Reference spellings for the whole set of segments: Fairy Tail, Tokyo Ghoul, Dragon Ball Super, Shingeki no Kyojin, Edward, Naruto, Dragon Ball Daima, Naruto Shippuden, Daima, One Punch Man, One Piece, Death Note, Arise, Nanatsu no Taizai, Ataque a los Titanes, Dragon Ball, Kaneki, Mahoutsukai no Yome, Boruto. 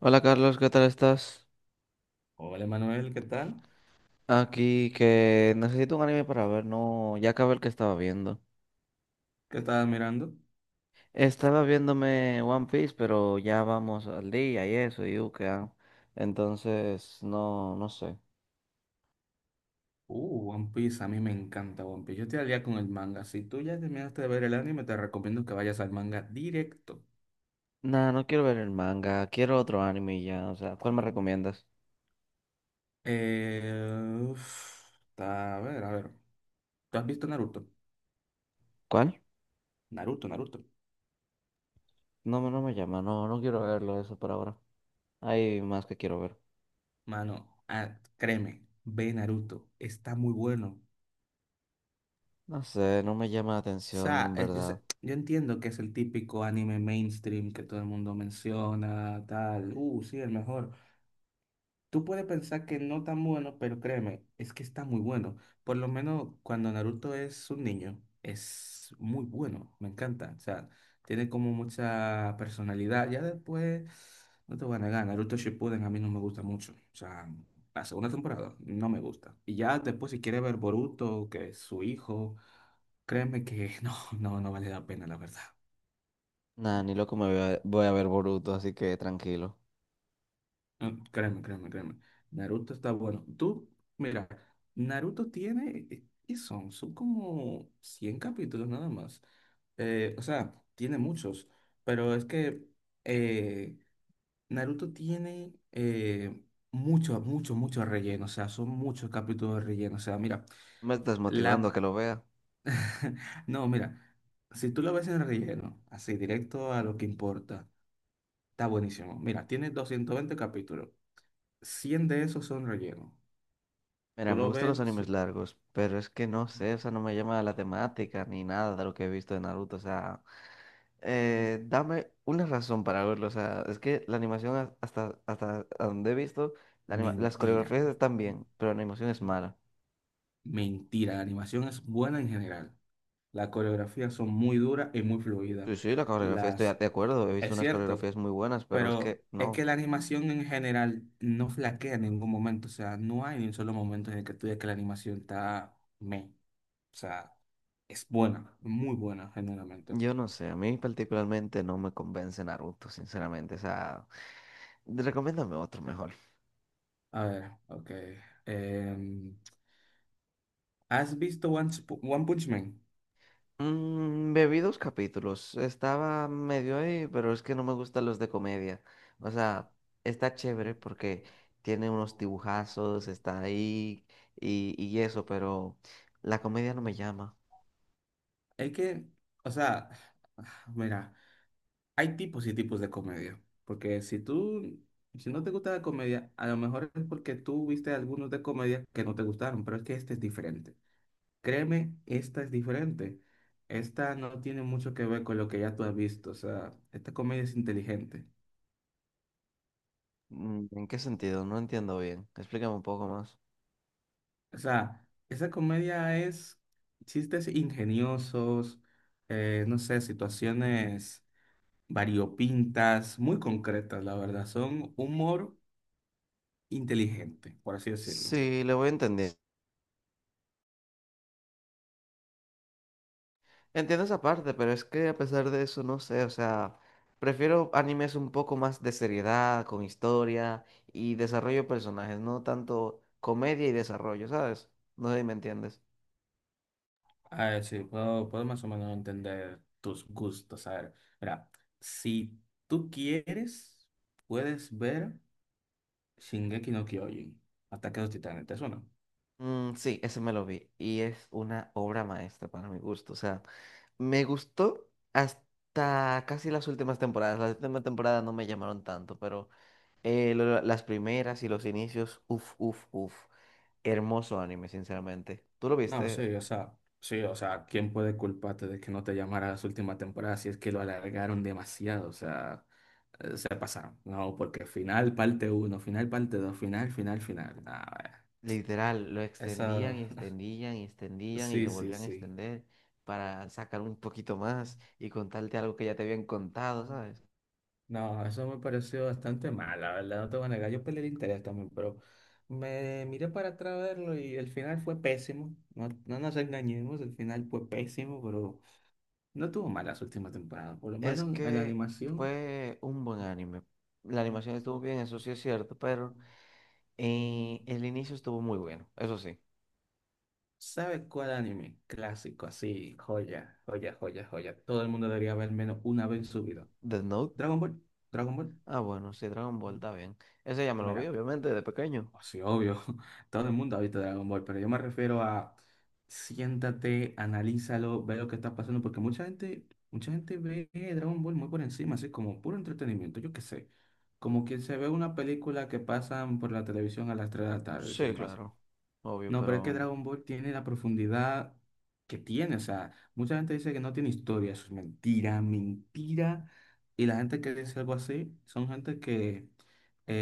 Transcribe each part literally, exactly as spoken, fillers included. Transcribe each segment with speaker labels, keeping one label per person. Speaker 1: Hola Carlos, ¿qué tal estás?
Speaker 2: Hola Manuel, ¿qué tal?
Speaker 1: Aquí que necesito un anime para ver, no, ya acabé el que estaba viendo.
Speaker 2: ¿Qué estabas mirando?
Speaker 1: Estaba viéndome One Piece, pero ya vamos al día y eso, y U C A. Entonces, no, no sé.
Speaker 2: Uh, One Piece, a mí me encanta One Piece. Yo estoy al día con el manga. Si tú ya terminaste de ver el anime, te recomiendo que vayas al manga directo.
Speaker 1: Nah, no quiero ver el manga, quiero otro anime y ya, o sea, ¿cuál me recomiendas?
Speaker 2: Eh, uf, ta- a ver, a ver. ¿Tú has visto Naruto?
Speaker 1: ¿Cuál?
Speaker 2: Naruto, Naruto.
Speaker 1: No, me- no me llama, no, no quiero verlo eso por ahora. Hay más que quiero ver.
Speaker 2: Mano, ah, créeme, ve Naruto. Está muy bueno.
Speaker 1: No sé, no me llama la
Speaker 2: O
Speaker 1: atención,
Speaker 2: sea,
Speaker 1: en
Speaker 2: es- yo, sé-
Speaker 1: verdad.
Speaker 2: yo entiendo que es el típico anime mainstream que todo el mundo menciona, tal. Uh, sí, el mejor. Tú puedes pensar que no tan bueno, pero créeme, es que está muy bueno. Por lo menos cuando Naruto es un niño, es muy bueno, me encanta. O sea, tiene como mucha personalidad. Ya después, no te voy a negar, Naruto Shippuden a mí no me gusta mucho. O sea, la segunda temporada no me gusta. Y ya después si quieres ver Boruto, que es su hijo, créeme que no, no, no vale la pena, la verdad.
Speaker 1: Nah, ni loco me voy a, voy a ver Boruto, así que tranquilo.
Speaker 2: Ah, créeme, créeme, créeme. Naruto está bueno. Tú, mira, Naruto tiene, eh, ¿qué son? Son como cien capítulos nada más. Eh, o sea, tiene muchos, pero es que eh, Naruto tiene eh, mucho, mucho, mucho relleno. O sea, son muchos capítulos de relleno. O sea, mira,
Speaker 1: Me estás motivando a
Speaker 2: la...
Speaker 1: que lo vea.
Speaker 2: No, mira, si tú lo ves en relleno, así directo a lo que importa, está buenísimo. Mira, tiene doscientos veinte capítulos. Cien de esos son relleno.
Speaker 1: Mira,
Speaker 2: Tú
Speaker 1: me
Speaker 2: lo
Speaker 1: gustan los
Speaker 2: ves,
Speaker 1: animes
Speaker 2: sí,
Speaker 1: largos, pero es que no sé, o sea, no me llama la temática ni nada de lo que he visto de Naruto, o sea, eh, dame una razón para verlo, o sea, es que la animación a- hasta, hasta donde he visto, la anima- las
Speaker 2: mentira.
Speaker 1: coreografías están bien, pero la animación es mala.
Speaker 2: Mentira, la animación es buena en general. Las coreografías son muy duras y muy fluidas.
Speaker 1: Sí, sí, la coreografía estoy
Speaker 2: Las,
Speaker 1: de acuerdo, he visto
Speaker 2: es
Speaker 1: unas
Speaker 2: cierto,
Speaker 1: coreografías muy buenas, pero es
Speaker 2: pero
Speaker 1: que
Speaker 2: es que
Speaker 1: no,
Speaker 2: la animación en general no flaquea en ningún momento. O sea, no hay ni un solo momento en el que tú digas que la animación está meh. O sea, es buena, muy buena generalmente.
Speaker 1: yo no sé, a mí particularmente no me convence Naruto, sinceramente, o sea, recomiéndame otro mejor.
Speaker 2: A ver, ok. Em, ¿Has visto One, Sp- One Punch Man?
Speaker 1: Mm, me vi dos capítulos. Estaba medio ahí, pero es que no me gustan los de comedia. O sea, está chévere porque tiene unos dibujazos, está ahí y, y eso, pero la comedia no me llama.
Speaker 2: Es que, o sea, mira. Hay tipos y tipos de comedia, porque si tú, si no te gusta la comedia, a lo mejor es porque tú viste algunos de comedia que no te gustaron, pero es que este es diferente. Créeme, esta es diferente. Esta no tiene mucho que ver con lo que ya tú has visto, o sea, esta comedia es inteligente.
Speaker 1: Mm, ¿en qué sentido? No entiendo bien. Explícame un poco más.
Speaker 2: O sea, esa comedia es chistes ingeniosos, eh, no sé, situaciones variopintas, muy concretas, la verdad. Son humor inteligente, por así decirlo.
Speaker 1: Sí, le voy a entender. Entiendo esa parte, pero es que a pesar de eso, no sé, o sea, prefiero animes un poco más de seriedad, con historia y desarrollo de personajes, no tanto comedia y desarrollo, ¿sabes? No sé si me entiendes.
Speaker 2: A ver, sí, puedo, puedo más o menos entender tus gustos. A ver, mira, si tú quieres, puedes ver Shingeki no Kyojin, Ataque a los Titanes, ¿te suena?
Speaker 1: Mm, sí, ese me lo vi y es una obra maestra para mi gusto, o sea, me gustó hasta casi las últimas temporadas, las últimas temporadas no me llamaron tanto, pero eh, lo- las primeras y los inicios, uff, uff, uff, hermoso anime, sinceramente. ¿Tú lo
Speaker 2: No,
Speaker 1: viste?
Speaker 2: sí, o sea, sí, o sea, ¿quién puede culparte de que no te llamara a las últimas temporadas si es que lo alargaron demasiado? O sea, eh, se pasaron. No, porque final parte uno final parte dos final, final, final. Nah,
Speaker 1: Literal, lo
Speaker 2: esa,
Speaker 1: extendían y extendían y extendían y
Speaker 2: sí,
Speaker 1: lo
Speaker 2: sí,
Speaker 1: volvían a
Speaker 2: sí.
Speaker 1: extender para sacar un poquito más y contarte algo que ya te habían contado, ¿sabes?
Speaker 2: No, eso me pareció bastante mal, la verdad, no te voy a negar. Yo perdí el interés también, pero me miré para atrás a verlo y el final fue pésimo. No, no nos engañemos, el final fue pésimo, pero no tuvo malas últimas temporadas. Por lo
Speaker 1: Es
Speaker 2: menos en la
Speaker 1: que
Speaker 2: animación,
Speaker 1: fue un buen anime. La animación estuvo bien, eso sí es cierto, pero eh, el inicio estuvo muy bueno, eso sí.
Speaker 2: ¿sabes cuál anime? Clásico, así, joya, joya, joya, joya. Todo el mundo debería ver menos una vez en su vida.
Speaker 1: Death Note,
Speaker 2: Dragon Ball, Dragon Ball.
Speaker 1: ah bueno, sí, Dragon Ball está bien. Ese ya me lo vi,
Speaker 2: Mira,
Speaker 1: obviamente, de pequeño.
Speaker 2: sí, obvio, todo el mundo ha visto Dragon Ball, pero yo me refiero a siéntate, analízalo, ve lo que está pasando, porque mucha gente, mucha gente ve Dragon Ball muy por encima, así como puro entretenimiento, yo qué sé, como que se ve una película que pasan por la televisión a las tres de la tarde,
Speaker 1: Sí,
Speaker 2: sin más.
Speaker 1: claro, obvio,
Speaker 2: No, pero es que
Speaker 1: pero
Speaker 2: Dragon Ball tiene la profundidad que tiene, o sea, mucha gente dice que no tiene historia, eso es mentira, mentira, y la gente que dice algo así son gente que...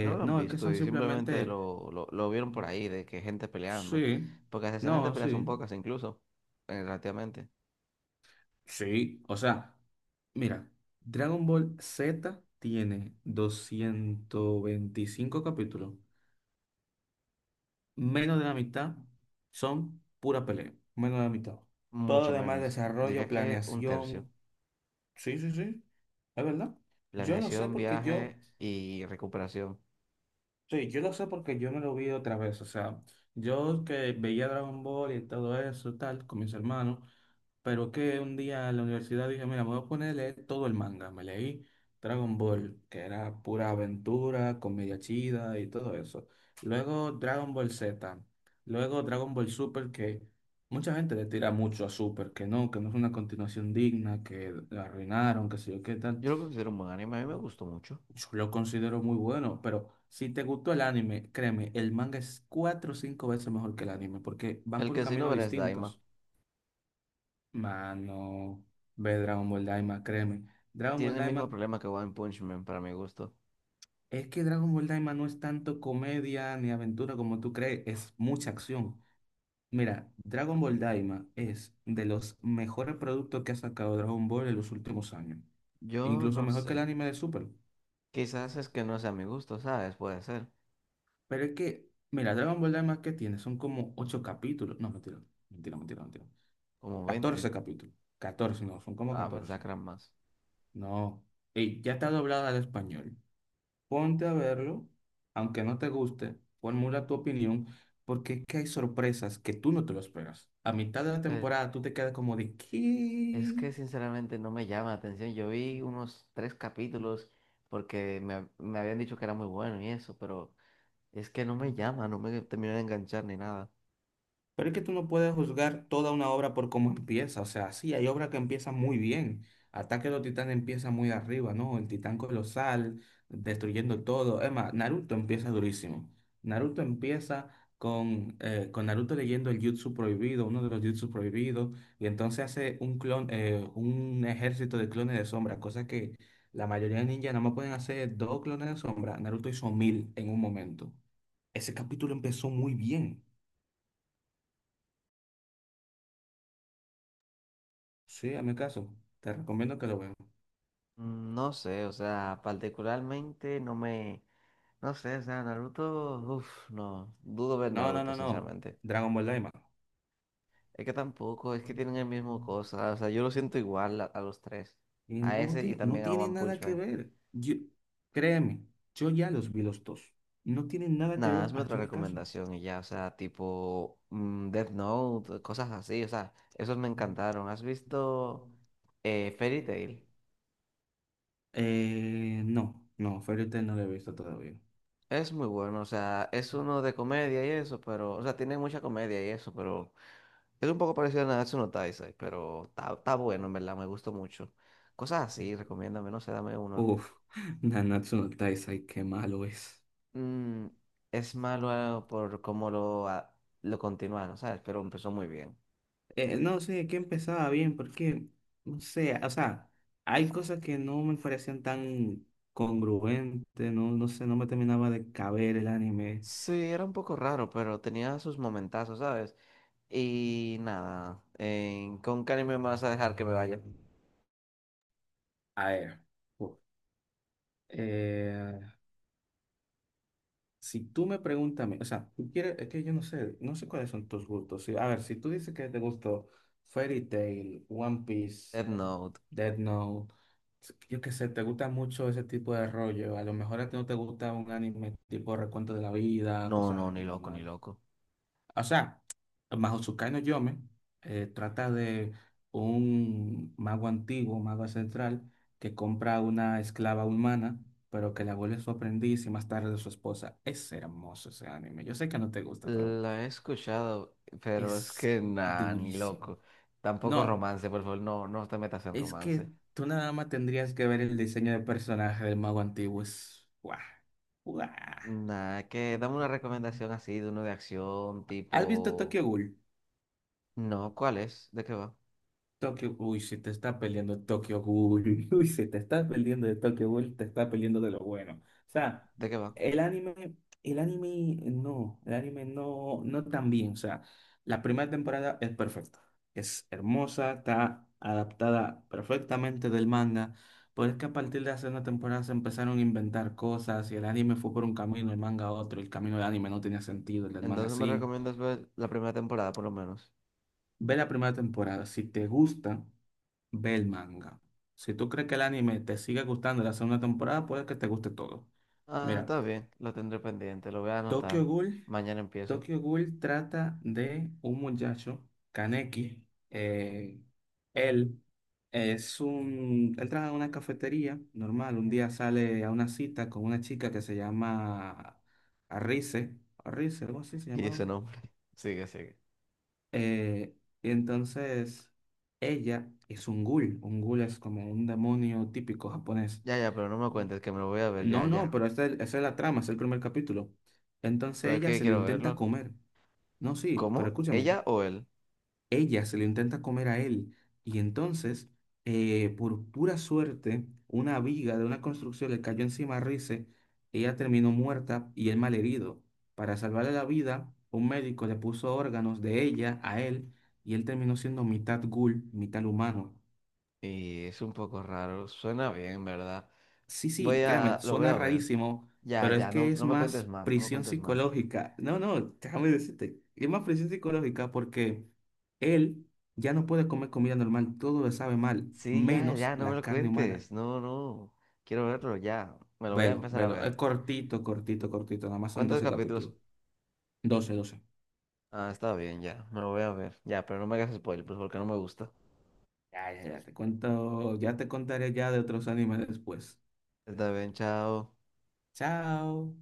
Speaker 1: no lo han
Speaker 2: No, es que
Speaker 1: visto
Speaker 2: son
Speaker 1: y simplemente
Speaker 2: simplemente.
Speaker 1: lo, lo, lo vieron por ahí, de que gente
Speaker 2: Sí,
Speaker 1: peleando. Porque las escenas de
Speaker 2: no,
Speaker 1: pelea
Speaker 2: sí,
Speaker 1: son pocas incluso, eh, relativamente.
Speaker 2: sí, o sea, mira, Dragon Ball Z tiene doscientos veinticinco capítulos, menos de la mitad son pura pelea, menos de la mitad. Todo lo
Speaker 1: Mucho
Speaker 2: demás
Speaker 1: menos.
Speaker 2: desarrollo,
Speaker 1: Diría que un tercio.
Speaker 2: planeación, sí, sí, sí, es verdad. Yo no sé
Speaker 1: Planeación,
Speaker 2: porque yo.
Speaker 1: viaje y recuperación.
Speaker 2: Sí, yo lo sé porque yo me lo vi otra vez. O sea, yo que veía Dragon Ball y todo eso, tal, con mis hermanos, pero que un día en la universidad dije, mira, me voy a poner a leer todo el manga. Me leí Dragon Ball, que era pura aventura, comedia chida y todo eso. Luego Dragon Ball Z. Luego Dragon Ball Super, que mucha gente le tira mucho a Super, que no, que no es una continuación digna, que la arruinaron, que sé yo qué tal.
Speaker 1: Yo lo considero un buen anime, a mí me gustó mucho.
Speaker 2: Yo lo considero muy bueno, pero si te gustó el anime, créeme, el manga es cuatro o cinco veces mejor que el anime, porque van
Speaker 1: El
Speaker 2: por
Speaker 1: que sí no
Speaker 2: caminos
Speaker 1: verás Daima.
Speaker 2: distintos. Mano, ve Dragon Ball Daima, créeme. Dragon
Speaker 1: Tiene
Speaker 2: Ball
Speaker 1: el mismo
Speaker 2: Daima,
Speaker 1: problema que One Punch Man para mi gusto.
Speaker 2: es que Dragon Ball Daima no es tanto comedia ni aventura como tú crees, es mucha acción. Mira, Dragon Ball Daima es de los mejores productos que ha sacado Dragon Ball en los últimos años,
Speaker 1: Yo
Speaker 2: incluso
Speaker 1: no
Speaker 2: mejor que el
Speaker 1: sé.
Speaker 2: anime de Super.
Speaker 1: Quizás es que no sea mi gusto, ¿sabes? Puede ser.
Speaker 2: Pero es que, mira, Dragon Ball Daima que tiene son como ocho capítulos. No, mentira, mentira, mentira, mentira.
Speaker 1: Como veinte.
Speaker 2: catorce capítulos. Catorce no, son como
Speaker 1: Ah, pensaba
Speaker 2: catorce.
Speaker 1: que eran más.
Speaker 2: No. Ey, ya está doblada al español. Ponte a verlo, aunque no te guste, formula tu opinión, porque es que hay sorpresas que tú no te lo esperas. A mitad de la temporada tú te quedas como de,
Speaker 1: Es
Speaker 2: ¿qué?
Speaker 1: que sinceramente no me llama la atención. Yo vi unos tres capítulos porque me, hab- me habían dicho que era muy bueno y eso, pero es que no me llama, no me terminó de enganchar ni nada.
Speaker 2: Pero es que tú no puedes juzgar toda una obra por cómo empieza. O sea, sí, hay obras que empiezan muy bien. Ataque de los Titanes empieza muy arriba, ¿no? El Titán Colosal, destruyendo todo. Es más, Naruto empieza durísimo. Naruto empieza con, eh, con Naruto leyendo el Jutsu prohibido, uno de los Jutsu prohibidos, y entonces hace un clon, eh, un ejército de clones de sombra, cosa que la mayoría de ninjas nada más pueden hacer dos clones de sombra. Naruto hizo mil en un momento. Ese capítulo empezó muy bien. Sí, a mi caso. Te recomiendo que lo veas.
Speaker 1: Mm, no sé, o sea, particularmente no me... No sé, o sea, Naruto, uff, no, dudo ver
Speaker 2: No, no,
Speaker 1: Naruto,
Speaker 2: no, no.
Speaker 1: sinceramente.
Speaker 2: Dragon Ball Daima.
Speaker 1: Es que tampoco, es que tienen el mismo cosa, o sea, yo lo siento igual a, a los tres,
Speaker 2: Y
Speaker 1: a
Speaker 2: no,
Speaker 1: ese y
Speaker 2: ti- no
Speaker 1: también a
Speaker 2: tiene
Speaker 1: One
Speaker 2: nada
Speaker 1: Punch
Speaker 2: que
Speaker 1: Man.
Speaker 2: ver. Yo, créeme, yo ya los vi los dos. No tienen nada que
Speaker 1: Nada,
Speaker 2: ver,
Speaker 1: hazme otra
Speaker 2: hazme caso.
Speaker 1: recomendación y ya, o sea, tipo mm, Death Note, cosas así, o sea, esos me encantaron. ¿Has visto eh, Fairy Tail?
Speaker 2: Eh, no, no, Fairy Tail no lo he visto todavía.
Speaker 1: Es muy bueno, o sea, es uno de comedia y eso, pero, o sea, tiene mucha comedia y eso, pero es un poco parecido a Nanatsu no Taizai, pero está, está bueno, en verdad, me gustó mucho. Cosas así, recomiéndame, no sé, dame uno.
Speaker 2: Uf, Nanatsu no Taizai, qué malo es.
Speaker 1: Mm, es malo por cómo lo, a- lo continuaron, ¿sabes? Pero empezó muy bien.
Speaker 2: Eh, no sé, que empezaba bien, porque, no sé, o sea, hay cosas que no me parecían tan congruentes, no, no sé, no me terminaba de caber el anime.
Speaker 1: Sí, era un poco raro, pero tenía sus momentazos, ¿sabes? Y nada, eh, ¿con qué anime me vas a dejar que me vaya?
Speaker 2: A ver, uf, eh, si tú me preguntas, a mí, o sea, tú quieres, es que yo no sé, no sé cuáles son tus gustos. Sí, a ver, si tú dices que te gustó Fairy Tail, One Piece,
Speaker 1: Death Note.
Speaker 2: Death Note. Yo qué sé, te gusta mucho ese tipo de rollo. A lo mejor a ti no te gusta un anime tipo recuento de la vida,
Speaker 1: No, no,
Speaker 2: cosas
Speaker 1: ni loco, ni
Speaker 2: normales.
Speaker 1: loco.
Speaker 2: O sea, Mahoutsukai no Yome eh, trata de un mago antiguo, mago ancestral, que compra una esclava humana, pero que la vuelve su aprendiz y más tarde su esposa. Es hermoso ese anime. Yo sé que no te gusta, pero
Speaker 1: La he escuchado, pero es
Speaker 2: es
Speaker 1: que nada, ni
Speaker 2: durísimo.
Speaker 1: loco. Tampoco
Speaker 2: No.
Speaker 1: romance, por favor, no, no te metas en
Speaker 2: Es que
Speaker 1: romance.
Speaker 2: tú nada más tendrías que ver el diseño de personaje del mago antiguo. Es... ¡Guau! ¡Guau!
Speaker 1: Nada, que dame una recomendación así de uno de acción,
Speaker 2: ¿Has visto
Speaker 1: tipo...
Speaker 2: Tokyo Ghoul?
Speaker 1: No, ¿cuál es? ¿De qué va?
Speaker 2: Tokyo Ghoul, si te está peleando Tokyo Ghoul, uy, si te está peleando de Tokyo Ghoul, te está peleando de lo bueno. O sea,
Speaker 1: ¿De qué va?
Speaker 2: el anime, el anime eh, no, el anime no, no tan bien. O sea, la primera temporada es perfecta, es hermosa, está adaptada perfectamente del manga, pero es que a partir de la segunda temporada se empezaron a inventar cosas y el anime fue por un camino, el manga otro, el camino del anime no tenía sentido, el del manga
Speaker 1: Entonces me
Speaker 2: sí.
Speaker 1: recomiendas ver la primera temporada, por lo menos.
Speaker 2: Ve la primera temporada, si te gusta. Ve el manga. Si tú crees que el anime te sigue gustando la segunda temporada, puede que te guste todo.
Speaker 1: Ah,
Speaker 2: Mira,
Speaker 1: está bien, lo tendré pendiente, lo voy a
Speaker 2: Tokyo
Speaker 1: anotar.
Speaker 2: Ghoul,
Speaker 1: Mañana empiezo.
Speaker 2: Tokyo Ghoul trata de un muchacho, Kaneki. eh, él es un, él trabaja en una cafetería normal. Un día sale a una cita con una chica que se llama Arise, Arise, algo así se
Speaker 1: Y ese
Speaker 2: llamaba.
Speaker 1: nombre. Sigue, sigue.
Speaker 2: Eh, y entonces ella es un ghoul. Un ghoul es como un demonio típico japonés.
Speaker 1: Ya, ya, pero no me cuentes que me lo voy a ver,
Speaker 2: No,
Speaker 1: ya,
Speaker 2: no,
Speaker 1: ya.
Speaker 2: pero esta es, esa es la trama, es el primer capítulo. Entonces
Speaker 1: Pero es
Speaker 2: ella
Speaker 1: que
Speaker 2: se lo
Speaker 1: quiero
Speaker 2: intenta
Speaker 1: verlo.
Speaker 2: comer. No, sí, pero
Speaker 1: ¿Cómo? ¿Ella
Speaker 2: escúchame,
Speaker 1: o él?
Speaker 2: ella se lo intenta comer a él. Y entonces, eh, por pura suerte, una viga de una construcción le cayó encima a Rice. Ella terminó muerta y él malherido. Para salvarle la vida, un médico le puso órganos de ella a él y él terminó siendo mitad ghoul, mitad humano.
Speaker 1: Y es un poco raro, suena bien, ¿verdad?
Speaker 2: Sí, sí,
Speaker 1: Voy
Speaker 2: créeme,
Speaker 1: a, lo voy
Speaker 2: suena
Speaker 1: a ver.
Speaker 2: rarísimo,
Speaker 1: Ya,
Speaker 2: pero es
Speaker 1: ya,
Speaker 2: que
Speaker 1: no,
Speaker 2: es
Speaker 1: no me cuentes
Speaker 2: más
Speaker 1: más, no me
Speaker 2: prisión
Speaker 1: cuentes más.
Speaker 2: psicológica. No, no, déjame decirte, es más prisión psicológica porque él ya no puede comer comida normal, todo le sabe mal,
Speaker 1: Sí, ya,
Speaker 2: menos
Speaker 1: ya, no me
Speaker 2: la
Speaker 1: lo
Speaker 2: carne humana.
Speaker 1: cuentes, no, no. Quiero verlo, ya, me lo voy a
Speaker 2: Velo,
Speaker 1: empezar a
Speaker 2: velo, es
Speaker 1: ver.
Speaker 2: cortito, cortito, cortito, nada más son
Speaker 1: ¿Cuántos
Speaker 2: doce
Speaker 1: capítulos?
Speaker 2: capítulos. Doce, doce.
Speaker 1: Ah, está bien, ya, me lo voy a ver. Ya, pero no me hagas spoiler, pues porque no me gusta.
Speaker 2: Ya, ya, ya, te cuento, ya te contaré ya de otros animes después.
Speaker 1: Está bien, chao.
Speaker 2: Chao.